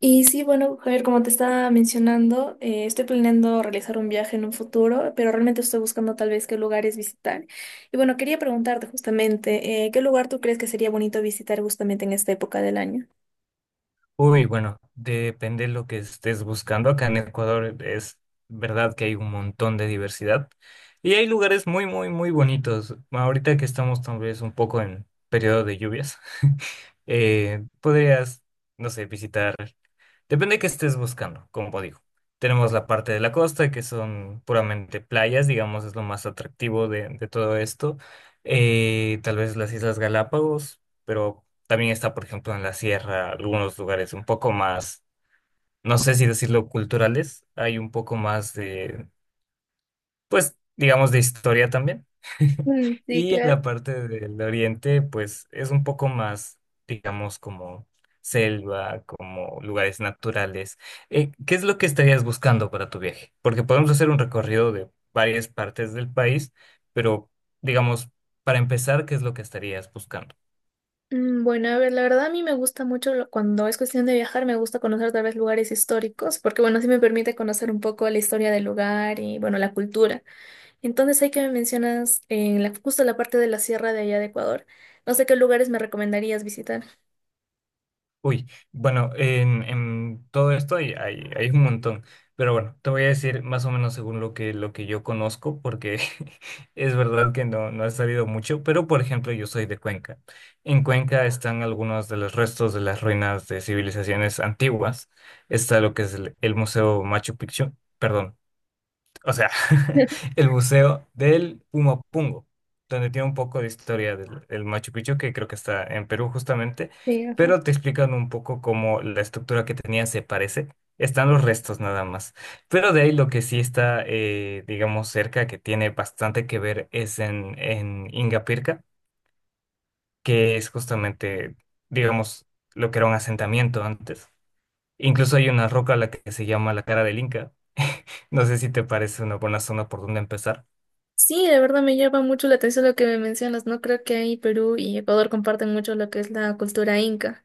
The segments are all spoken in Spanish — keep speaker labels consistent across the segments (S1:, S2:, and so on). S1: Y sí, bueno, Javier, como te estaba mencionando, estoy planeando realizar un viaje en un futuro, pero realmente estoy buscando tal vez qué lugares visitar. Y bueno, quería preguntarte justamente, ¿qué lugar tú crees que sería bonito visitar justamente en esta época del año?
S2: Uy, bueno, depende de lo que estés buscando. Acá en Ecuador es verdad que hay un montón de diversidad y hay lugares muy, muy, muy bonitos. Ahorita que estamos tal vez un poco en periodo de lluvias, podrías, no sé, visitar. Depende de qué estés buscando, como digo. Tenemos la parte de la costa, que son puramente playas, digamos, es lo más atractivo de todo esto. Tal vez las Islas Galápagos, pero también está, por ejemplo, en la sierra, algunos lugares un poco más, no sé si decirlo culturales, hay un poco más, pues digamos, de historia también.
S1: Mm, sí,
S2: Y en
S1: claro.
S2: la parte del oriente, pues es un poco más, digamos, como selva, como lugares naturales. ¿Qué es lo que estarías buscando para tu viaje? Porque podemos hacer un recorrido de varias partes del país, pero, digamos, para empezar, ¿qué es lo que estarías buscando?
S1: Mm, bueno, a ver, la verdad a mí me gusta mucho cuando es cuestión de viajar, me gusta conocer tal vez lugares históricos, porque bueno, sí me permite conocer un poco la historia del lugar y bueno, la cultura. Entonces hay que me mencionas en la, justo la parte de la sierra de allá de Ecuador. No sé qué lugares me recomendarías visitar.
S2: Uy, bueno, en todo esto hay un montón, pero bueno, te voy a decir más o menos según lo que yo conozco, porque es verdad que no he sabido mucho, pero por ejemplo yo soy de Cuenca. En Cuenca están algunos de los restos de las ruinas de civilizaciones antiguas. Está lo que es el Museo Machu Picchu, perdón, o sea, el Museo del Pumapungo, donde tiene un poco de historia del Machu Picchu, que creo que está en Perú justamente,
S1: Sí, ajá.
S2: pero te explican un poco cómo la estructura que tenía se parece. Están los restos nada más. Pero de ahí lo que sí está, digamos, cerca, que tiene bastante que ver, es en Ingapirca, que es justamente, digamos, lo que era un asentamiento antes. Incluso hay una roca a la que se llama la cara del Inca. No sé si te parece una buena zona por donde empezar.
S1: Sí, de verdad me llama mucho la atención lo que me mencionas, ¿no? Creo que ahí Perú y Ecuador comparten mucho lo que es la cultura inca.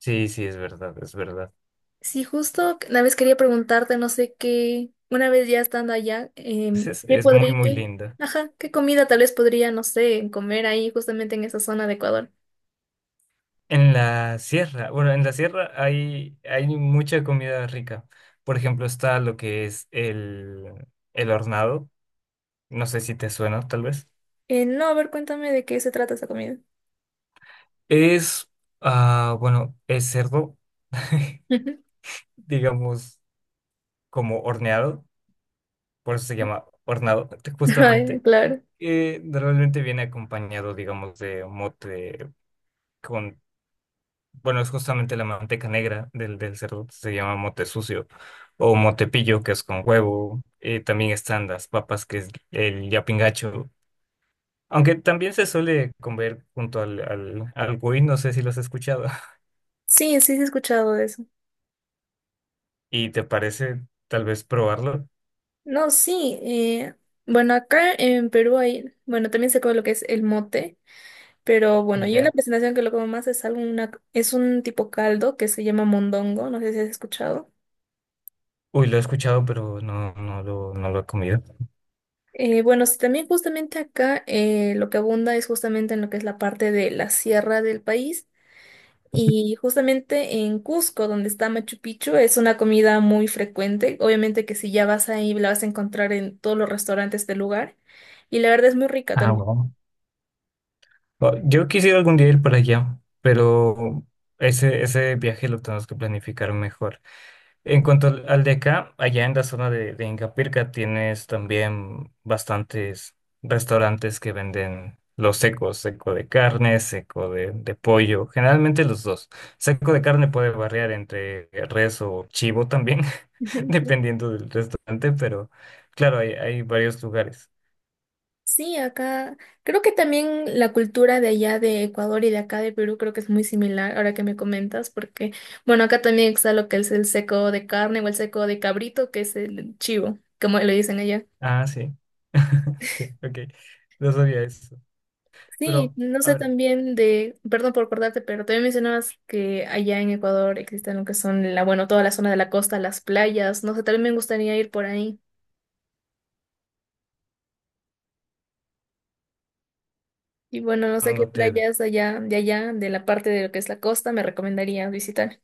S2: Sí, sí, es verdad, es verdad.
S1: Sí, justo una vez quería preguntarte, no sé qué, una vez ya estando allá,
S2: Es, es
S1: ¿qué
S2: es muy,
S1: podría,
S2: muy linda.
S1: ajá, qué comida tal vez podría, no sé, comer ahí justamente en esa zona de Ecuador?
S2: En la sierra, bueno, en la sierra hay mucha comida rica. Por ejemplo, está lo que es el hornado. No sé si te suena, tal vez.
S1: No, a ver, cuéntame de qué se trata esa comida.
S2: Es, ah, bueno, es cerdo, digamos, como horneado. Por eso se llama hornado,
S1: Ay,
S2: justamente.
S1: claro.
S2: Normalmente viene acompañado, digamos, de mote con. Bueno, es justamente la manteca negra del cerdo, se llama mote sucio o motepillo, que es con huevo. También están las papas, que es el yapingacho, aunque también se suele comer junto al, al cuy, no sé si lo has escuchado.
S1: Sí, sí, sí he escuchado de eso.
S2: ¿Y te parece tal vez probarlo?
S1: No, sí. Bueno, acá en Perú hay, bueno, también se come lo que es el mote, pero bueno, yo la
S2: Ya.
S1: presentación que lo como más es algo, una, es un tipo caldo que se llama mondongo, no sé si has escuchado.
S2: Uy, lo he escuchado, pero no, no lo he comido.
S1: Bueno, sí, también justamente acá lo que abunda es justamente en lo que es la parte de la sierra del país y justamente en Cusco, donde está Machu Picchu, es una comida muy frecuente. Obviamente que si ya vas ahí la vas a encontrar en todos los restaurantes del lugar. Y la verdad es muy rica
S2: Ah,
S1: también.
S2: bueno. Oh, yo quisiera algún día ir para allá, pero ese viaje lo tenemos que planificar mejor. En cuanto al de acá, allá en la zona de Ingapirca tienes también bastantes restaurantes que venden los secos, seco de carne, seco de pollo, generalmente los dos. Seco de carne puede variar entre res o chivo también, dependiendo del restaurante, pero claro, hay varios lugares.
S1: Sí, acá creo que también la cultura de allá de Ecuador y de acá de Perú creo que es muy similar ahora que me comentas, porque bueno, acá también está lo que es el seco de carne o el seco de cabrito, que es el chivo, como le dicen allá.
S2: Ah, sí. Sí, ok. No sabía eso.
S1: Sí,
S2: Pero,
S1: no
S2: a
S1: sé
S2: ver,
S1: también de, perdón por cortarte, pero también mencionabas que allá en Ecuador existen lo que son la, bueno, toda la zona de la costa, las playas, no sé, también me gustaría ir por ahí. Y bueno, no sé qué
S2: cuando te...
S1: playas allá, de la parte de lo que es la costa, me recomendarías visitar.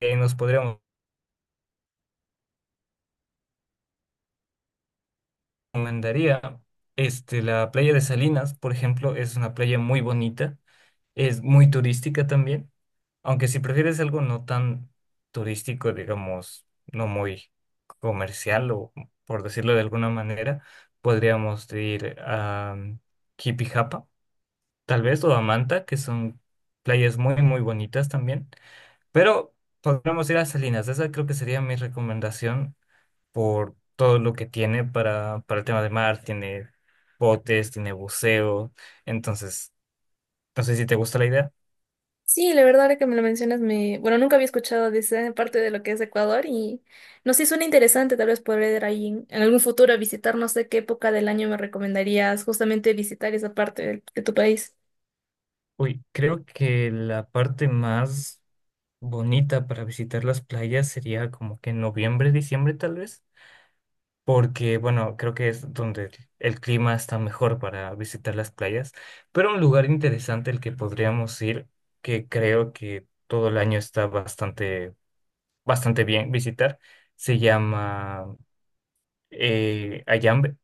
S2: eh, nos podríamos... recomendaría, este, la playa de Salinas, por ejemplo, es una playa muy bonita, es muy turística también, aunque si prefieres algo no tan turístico, digamos, no muy comercial o por decirlo de alguna manera, podríamos ir a Jipijapa, tal vez, o a Manta, que son playas muy, muy bonitas también, pero podríamos ir a Salinas, esa creo que sería mi recomendación por todo lo que tiene para el tema de mar, tiene botes, tiene buceo, entonces, no sé si te gusta la idea.
S1: Sí, la verdad, ahora que me lo mencionas, me, bueno, nunca había escuchado de esa parte de lo que es Ecuador y no sé, suena interesante, tal vez poder ir ahí en algún futuro a visitar, no sé qué época del año me recomendarías justamente visitar esa parte de, tu país.
S2: Uy, creo que la parte más bonita para visitar las playas sería como que en noviembre, diciembre tal vez, porque bueno, creo que es donde el clima está mejor para visitar las playas, pero un lugar interesante al que podríamos ir, que creo que todo el año está bastante, bastante bien visitar, se llama, Ayambe,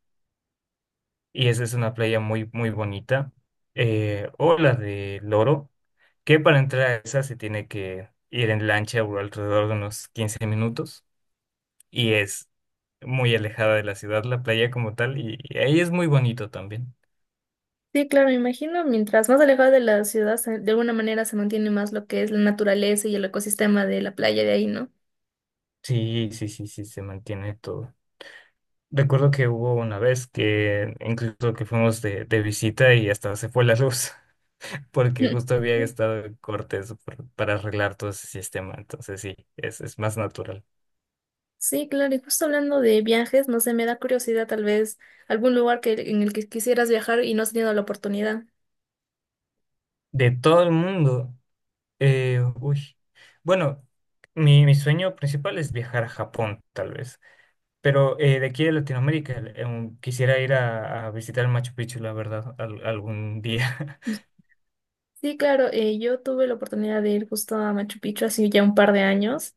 S2: y esa es una playa muy, muy bonita, o la de Loro, que para entrar a esa se tiene que ir en lancha, o alrededor de unos 15 minutos, y es muy alejada de la ciudad, la playa como tal, y ahí es muy bonito también.
S1: Sí, claro, me imagino, mientras más alejado de la ciudad, de alguna manera se mantiene más lo que es la naturaleza y el ecosistema de la playa de ahí, ¿no?
S2: Sí, sí, sí, sí, se mantiene todo. Recuerdo que hubo una vez que incluso que fuimos de visita y hasta se fue la luz, porque
S1: Mm.
S2: justo había estado en cortes para arreglar todo ese sistema, entonces sí, es más natural.
S1: Sí, claro, y justo hablando de viajes, no sé, me da curiosidad tal vez algún lugar que, en el que quisieras viajar y no has tenido la oportunidad.
S2: De todo el mundo, uy, bueno, mi sueño principal es viajar a Japón, tal vez, pero, de aquí de Latinoamérica, quisiera ir a visitar Machu Picchu, la verdad, algún día.
S1: Sí, claro, yo tuve la oportunidad de ir justo a Machu Picchu hace ya un par de años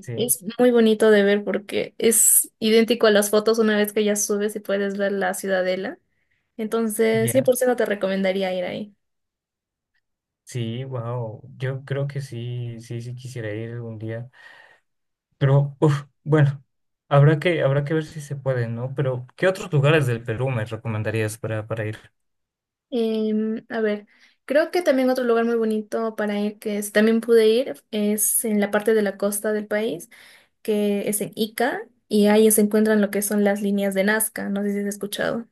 S2: Sí,
S1: es muy bonito de ver porque es idéntico a las fotos una vez que ya subes y puedes ver la ciudadela. Entonces, cien
S2: ya,
S1: por ciento te recomendaría ir ahí.
S2: sí, wow, yo creo que sí, sí, sí quisiera ir algún día. Pero, uf, bueno, habrá que ver si se puede, ¿no? Pero, ¿qué otros lugares del Perú me recomendarías para ir?
S1: A ver, creo que también otro lugar muy bonito para ir también pude ir es en la parte de la costa del país, que es en Ica, y ahí se encuentran lo que son las líneas de Nazca, no sé si has escuchado.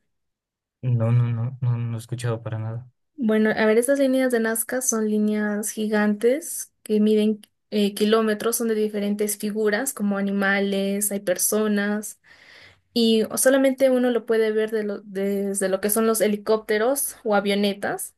S2: No, no, no, no, no he escuchado para nada.
S1: Bueno, a ver, estas líneas de Nazca son líneas gigantes que miden kilómetros, son de diferentes figuras, como animales, hay personas, y solamente uno lo puede ver de desde lo que son los helicópteros o avionetas.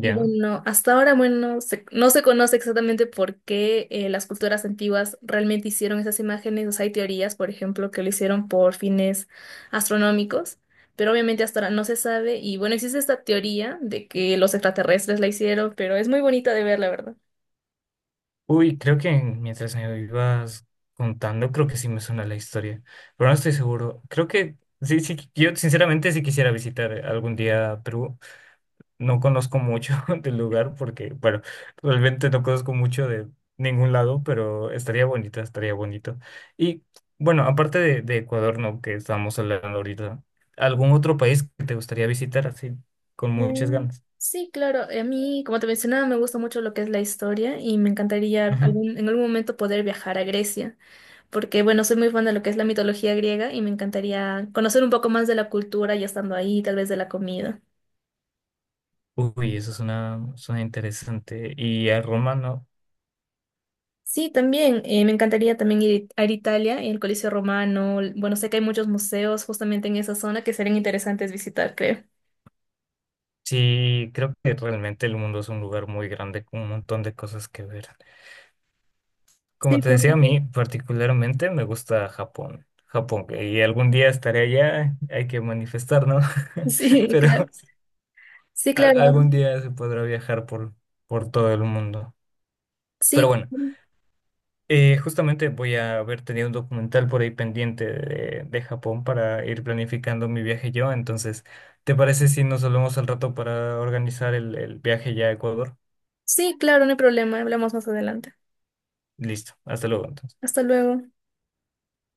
S1: Y bueno, hasta ahora, bueno, no se conoce exactamente por qué las culturas antiguas realmente hicieron esas imágenes. O sea, hay teorías, por ejemplo, que lo hicieron por fines astronómicos, pero obviamente hasta ahora no se sabe. Y bueno, existe esta teoría de que los extraterrestres la hicieron, pero es muy bonita de ver, la verdad.
S2: Uy, creo que mientras me ibas contando, creo que sí me suena la historia, pero no estoy seguro. Creo que sí, sí, yo sinceramente sí quisiera visitar algún día Perú. No conozco mucho del lugar porque, bueno, realmente no conozco mucho de ningún lado, pero estaría bonito, estaría bonito. Y bueno, aparte de Ecuador, ¿no? Que estamos hablando ahorita, ¿algún otro país que te gustaría visitar así con muchas
S1: Mm,
S2: ganas?
S1: sí, claro. A mí, como te mencionaba, me gusta mucho lo que es la historia y me encantaría en algún momento poder viajar a Grecia. Porque bueno, soy muy fan de lo que es la mitología griega y me encantaría conocer un poco más de la cultura ya estando ahí, tal vez de la comida.
S2: Ujú. Uy, eso suena interesante. Y a Roma, ¿no?
S1: Sí, también, me encantaría también ir a Italia y el Coliseo Romano. Bueno, sé que hay muchos museos justamente en esa zona que serían interesantes visitar, creo.
S2: Sí, creo que realmente el mundo es un lugar muy grande con un montón de cosas que ver. Como
S1: Sí,
S2: te
S1: por
S2: decía, a
S1: supuesto.
S2: mí particularmente me gusta Japón. Japón, y algún día estaré allá, hay que manifestar, ¿no?
S1: Sí,
S2: Pero
S1: claro. Sí, claro.
S2: algún día se podrá viajar por todo el mundo. Pero
S1: Sí,
S2: bueno, justamente voy a haber tenido un documental por ahí pendiente de Japón para ir planificando mi viaje yo. Entonces, ¿te parece si nos hablamos al rato para organizar el viaje ya a Ecuador?
S1: sí, claro, no hay problema. Hablamos más adelante.
S2: Listo, hasta luego entonces.
S1: Hasta luego.